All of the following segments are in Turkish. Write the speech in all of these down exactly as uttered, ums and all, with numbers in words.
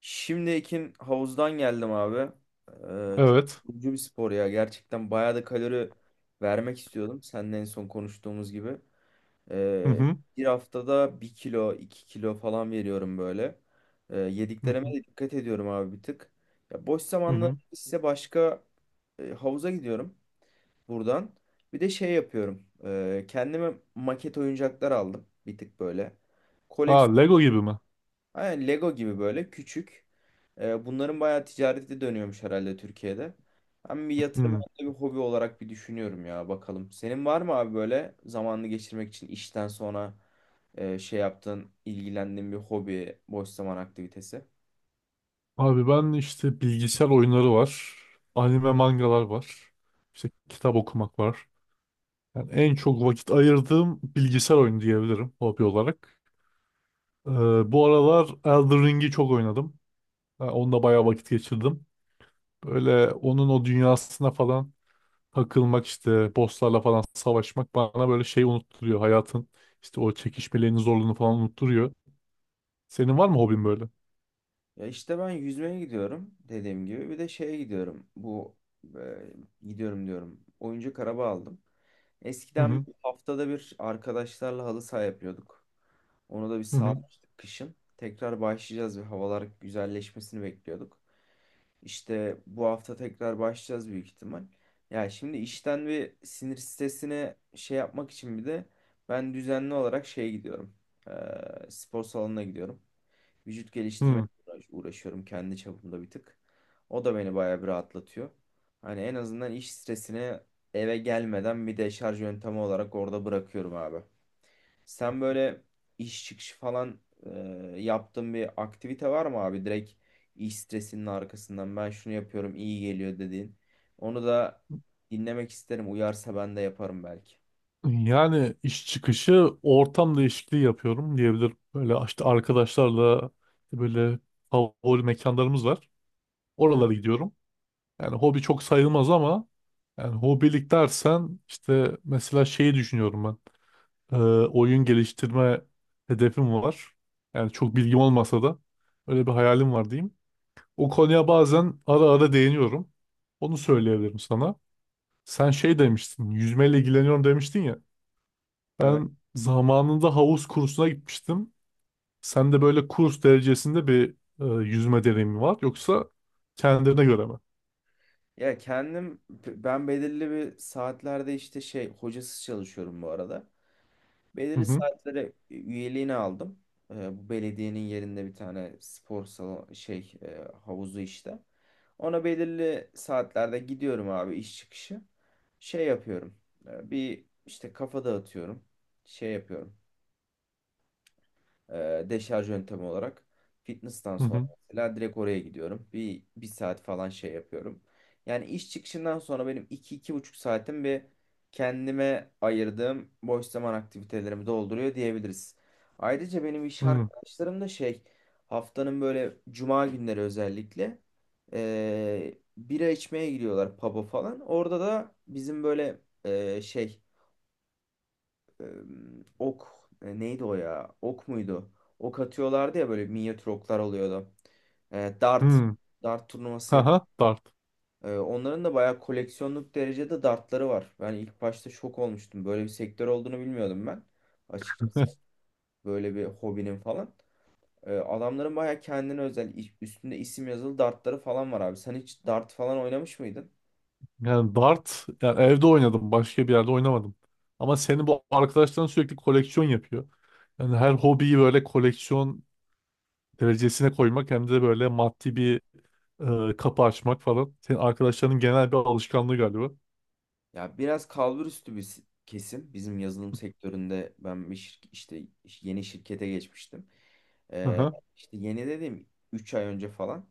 Şimdi Ekin havuzdan geldim abi. Ee, çok Evet. yorucu bir spor ya. Gerçekten bayağı da kalori vermek istiyordum. Seninle en son konuştuğumuz gibi. Hı Ee, hı. bir haftada bir kilo, iki kilo falan veriyorum böyle. Ee, Hı yediklerime hı. de dikkat ediyorum abi bir tık. Ya boş Hı zamanlarımda hı. ise başka e, havuza gidiyorum buradan. Bir de şey yapıyorum. Ee, kendime maket oyuncaklar aldım bir tık böyle. Aa, Lego gibi mi? Aynen Lego gibi böyle küçük. Ee, bunların bayağı ticareti dönüyormuş herhalde Türkiye'de. Ben bir yatırım Hı. hem de bir hobi olarak bir düşünüyorum ya bakalım. Senin var mı abi böyle zamanını geçirmek için işten sonra e, şey yaptığın, ilgilendiğin bir hobi, boş zaman aktivitesi? Abi ben işte bilgisayar oyunları var. Anime mangalar var. İşte kitap okumak var. Yani en çok vakit ayırdığım bilgisayar oyunu diyebilirim hobi olarak. Ee, Bu aralar Elden Ring'i çok oynadım. Yani onda bayağı vakit geçirdim. Böyle onun o dünyasına falan takılmak, işte bosslarla falan savaşmak bana böyle şey unutturuyor. Hayatın işte o çekişmelerini, zorluğunu falan unutturuyor. Senin var mı hobin böyle? Ya işte ben yüzmeye gidiyorum dediğim gibi. Bir de şeye gidiyorum. Bu e, gidiyorum diyorum. Oyuncak araba aldım. Hı Eskiden hı. haftada bir arkadaşlarla halı saha yapıyorduk. Onu da bir Hı hı. salmıştık kışın. Tekrar başlayacağız ve havalar güzelleşmesini bekliyorduk. İşte bu hafta tekrar başlayacağız büyük ihtimal. Ya şimdi işten ve sinir stresine şey yapmak için bir de ben düzenli olarak şeye gidiyorum. Ee, spor salonuna gidiyorum. Vücut geliştirme Hı. uğraşıyorum kendi çapımda bir tık. O da beni bayağı bir rahatlatıyor. Hani en azından iş stresini eve gelmeden bir de şarj yöntemi olarak orada bırakıyorum abi. Sen böyle iş çıkışı falan e, yaptığın bir aktivite var mı abi? Direkt iş stresinin arkasından ben şunu yapıyorum iyi geliyor dediğin. Onu da dinlemek isterim. Uyarsa ben de yaparım belki. Yani iş çıkışı ortam değişikliği yapıyorum diyebilirim. Böyle işte arkadaşlarla böyle favori mekanlarımız var. Oralara gidiyorum. Yani hobi çok sayılmaz ama yani hobilik dersen işte mesela şeyi düşünüyorum ben. Ee, Oyun geliştirme hedefim var. Yani çok bilgim olmasa da öyle bir hayalim var diyeyim. O konuya bazen ara ara değiniyorum. Onu söyleyebilirim sana. Sen şey demiştin, yüzmeyle ilgileniyorum demiştin ya. Evet. Ben zamanında havuz kursuna gitmiştim. Sen de böyle kurs derecesinde bir e, yüzme deneyimi var. Yoksa kendine göre mi? Ya kendim ben belirli bir saatlerde işte şey hocasız çalışıyorum bu arada. Hı Belirli hı saatlere üyeliğini aldım. Ee, bu belediyenin yerinde bir tane spor salonu şey e, havuzu işte. Ona belirli saatlerde gidiyorum abi iş çıkışı. Şey yapıyorum. e, bir işte kafa dağıtıyorum. Şey yapıyorum e, deşarj yöntemi olarak fitness'tan hı sonra hı. mesela direkt oraya gidiyorum. Bir, bir saat falan şey yapıyorum. Yani iş çıkışından sonra benim iki iki buçuk saatim bir kendime ayırdığım boş zaman aktivitelerimi dolduruyor diyebiliriz. Ayrıca benim iş Hı, arkadaşlarım da şey haftanın böyle cuma günleri özellikle e, bira içmeye gidiyorlar pub'a falan. Orada da bizim böyle e, şey e, ok e, neydi o ya? Ok muydu? Ok atıyorlardı ya böyle minyatür oklar oluyordu. E, dart hı. dart turnuvası yap. Haha, dart. E, onların da bayağı koleksiyonluk derecede dartları var. Ben ilk başta şok olmuştum. Böyle bir sektör olduğunu bilmiyordum ben. Açıkçası böyle bir hobinin falan. E, adamların bayağı kendine özel iş- üstünde isim yazılı dartları falan var abi. Sen hiç dart falan oynamış mıydın? Yani dart, yani evde oynadım. Başka bir yerde oynamadım. Ama senin bu arkadaşların sürekli koleksiyon yapıyor. Yani her hobiyi böyle koleksiyon derecesine koymak, hem de böyle maddi bir e, kapı açmak falan. Senin arkadaşlarının genel bir alışkanlığı galiba. Ya biraz kalbur üstü bir s- kesim. Bizim yazılım sektöründe ben bir şirk- işte yeni şirkete geçmiştim. Hı Ee, hı işte yeni dedim üç ay önce falan.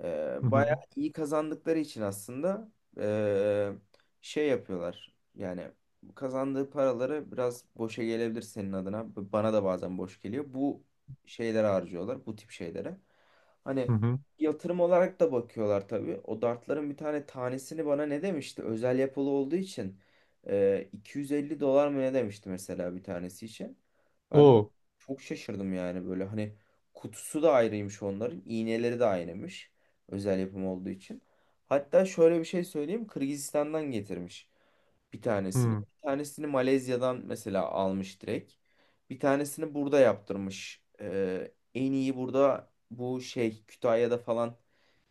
Ee, hı bayağı hı. iyi kazandıkları için aslında ee, şey yapıyorlar. Yani kazandığı paraları biraz boşa gelebilir senin adına. B- Bana da bazen boş geliyor. Bu şeylere harcıyorlar, bu tip şeylere. Hı Hani hı. yatırım olarak da bakıyorlar tabii. O dartların bir tane tanesini bana ne demişti? Özel yapılı olduğu için ee, iki yüz elli dolar mı ne demişti mesela bir tanesi için. Ben de Oo. çok şaşırdım yani böyle hani kutusu da ayrıymış onların, iğneleri de aynıymış. Özel yapım olduğu için. Hatta şöyle bir şey söyleyeyim. Kırgızistan'dan getirmiş bir Hı. tanesini. Hı. Bir tanesini Malezya'dan mesela almış direkt. Bir tanesini burada yaptırmış. Ee, en iyi burada bu şey Kütahya'da falan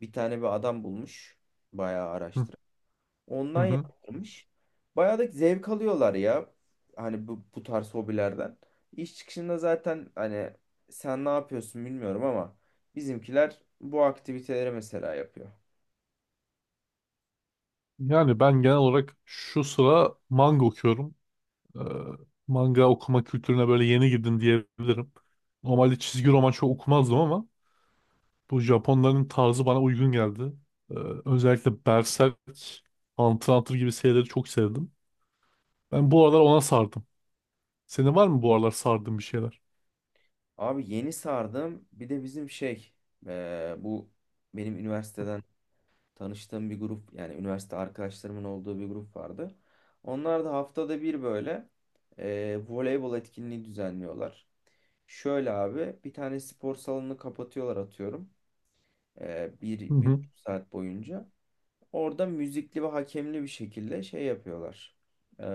bir tane bir adam bulmuş. Bayağı araştırıp. Hı Ondan hı. yaptırmış. Bayağı da zevk alıyorlar ya. Hani bu, bu tarz hobilerden. İş çıkışında zaten hani sen ne yapıyorsun bilmiyorum ama bizimkiler bu aktiviteleri mesela yapıyor. Yani ben genel olarak şu sıra manga okuyorum. Ee, Manga okuma kültürüne böyle yeni girdim diyebilirim. Normalde çizgi roman çok okumazdım ama bu Japonların tarzı bana uygun geldi. Ee, Özellikle Berserk, Hunter x Hunter gibi serileri çok sevdim. Ben bu aralar ona sardım. Senin var mı bu aralar sardığın bir şeyler? Abi yeni sardım. Bir de bizim şey eee, bu benim üniversiteden tanıştığım bir grup yani üniversite arkadaşlarımın olduğu bir grup vardı. Onlar da haftada bir böyle eee, voleybol etkinliği düzenliyorlar. Şöyle abi bir tane spor salonunu kapatıyorlar atıyorum. Eee, bir, Hı bir hı. buçuk saat boyunca. Orada müzikli ve hakemli bir şekilde şey yapıyorlar. Eee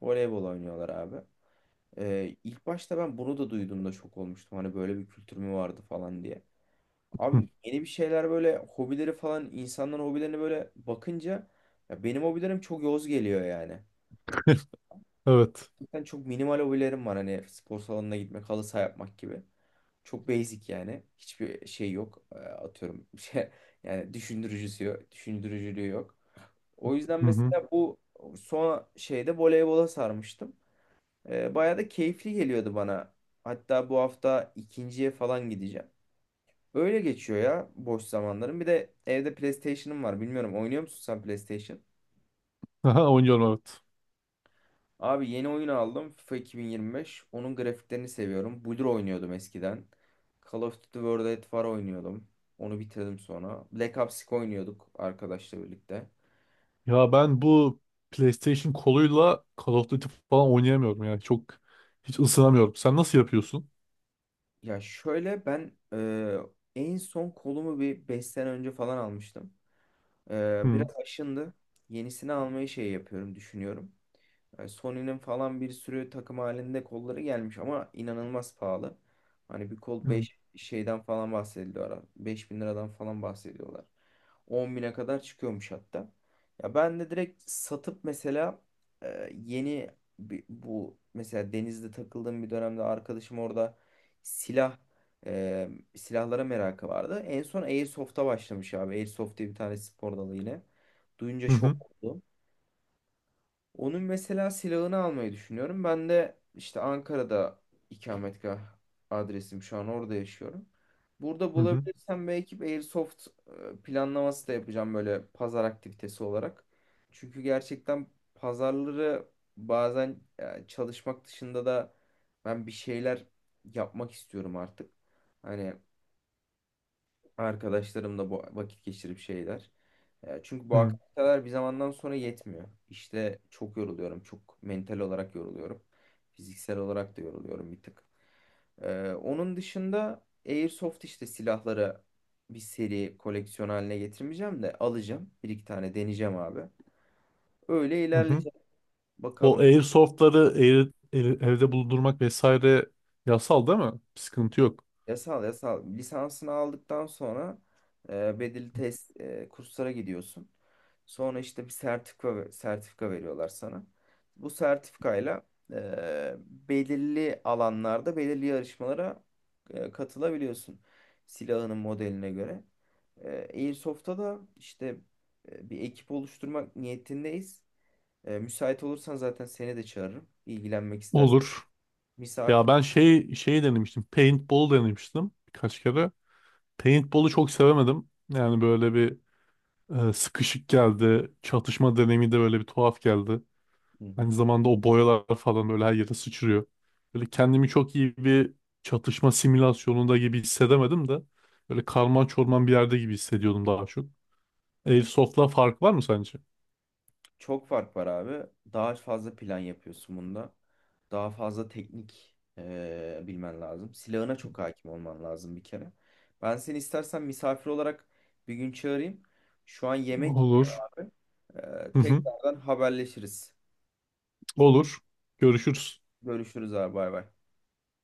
voleybol oynuyorlar abi. Ee, ilk başta ben bunu da duyduğumda şok olmuştum. Hani böyle bir kültür mü vardı falan diye. Evet. Abi yeni bir şeyler böyle hobileri falan insanların hobilerine böyle bakınca ya benim hobilerim çok yoz geliyor yani. Hı. Evet. Gerçekten çok minimal hobilerim var hani spor salonuna gitmek, halı saha yapmak gibi. Çok basic yani. Hiçbir şey yok. Ee, Atıyorum şey yani düşündürücüsü yok, düşündürücülüğü yok. O yüzden Hı hı. mesela bu son şeyde voleybola sarmıştım. E, bayağı da keyifli geliyordu bana. Hatta bu hafta ikinciye falan gideceğim. Öyle geçiyor ya boş zamanlarım. Bir de evde PlayStation'ım var. Bilmiyorum oynuyor musun sen PlayStation? Aha, oynuyorum, evet. Abi yeni oyun aldım FIFA iki bin yirmi beş. Onun grafiklerini seviyorum. Blur oynuyordum eskiden. Call of Duty World at War oynuyordum. Onu bitirdim sonra. Black Ops iki oynuyorduk arkadaşla birlikte. Ya ben bu PlayStation koluyla Call of Duty falan oynayamıyorum, yani çok hiç ısınamıyorum. Sen nasıl yapıyorsun? Ya şöyle ben e, en son kolumu bir beş sene önce falan almıştım. Ee, Hı biraz hı. aşındı. Yenisini almayı şey yapıyorum, düşünüyorum. Yani Sony'nin falan bir sürü takım halinde kolları gelmiş ama inanılmaz pahalı. Hani bir kol beş şeyden falan bahsediliyor ara. Beş bin liradan falan bahsediyorlar. On bine kadar çıkıyormuş hatta. Ya ben de direkt satıp mesela e, yeni bir- bu mesela denizde takıldığım bir dönemde arkadaşım orada silah e, silahlara merakı vardı. En son Airsoft'a başlamış abi. Airsoft diye bir tane spor dalı yine. Duyunca Hı şok hı. oldum. Onun mesela silahını almayı düşünüyorum. Ben de işte Ankara'da ikametgah adresim şu an orada yaşıyorum. Burada Hı hı. bulabilirsem belki bir Airsoft e, planlaması da yapacağım böyle pazar aktivitesi olarak. Çünkü gerçekten pazarları bazen e, çalışmak dışında da ben bir şeyler yapmak istiyorum artık. Hani arkadaşlarımla bu vakit geçirip şeyler. E, Çünkü bu aktiviteler bir zamandan sonra yetmiyor. İşte çok yoruluyorum. Çok mental olarak yoruluyorum. Fiziksel olarak da yoruluyorum bir tık. E, onun dışında Airsoft işte silahları bir seri koleksiyon haline getirmeyeceğim de alacağım. Bir iki tane deneyeceğim abi. Öyle Hı hı. ilerleyeceğim. O Bakalım. airsoftları air- air- evde bulundurmak vesaire yasal değil mi? Bir sıkıntı yok. Yasal yasal lisansını aldıktan sonra e, bedeli test e, kurslara gidiyorsun. Sonra işte bir sertifika sertifika veriyorlar sana. Bu sertifikayla e, belirli alanlarda belirli yarışmalara e, katılabiliyorsun. Silahının modeline göre. E, Airsoft'ta da işte e, bir ekip oluşturmak niyetindeyiz. E, müsait olursan zaten seni de çağırırım. İlgilenmek istersen. Olur. Misafir. Ya ben şey şey denemiştim. Paintball denemiştim birkaç kere. Paintball'u çok sevemedim. Yani böyle bir e, sıkışık geldi. Çatışma deneyimi de böyle bir tuhaf geldi. Hı Aynı hı. zamanda o boyalar falan böyle her yere sıçrıyor. Böyle kendimi çok iyi bir çatışma simülasyonunda gibi hissedemedim de. Böyle karman çorman bir yerde gibi hissediyordum daha çok. Airsoft'la fark var mı sence? Çok fark var abi. Daha fazla plan yapıyorsun bunda. Daha fazla teknik eee, bilmen lazım. Silahına çok hakim olman lazım bir kere. Ben seni istersen misafir olarak bir gün çağırayım. Şu an yemek. Olur. Eee, Hı hı. tekrardan haberleşiriz. Olur. Görüşürüz. Görüşürüz abi bay bay.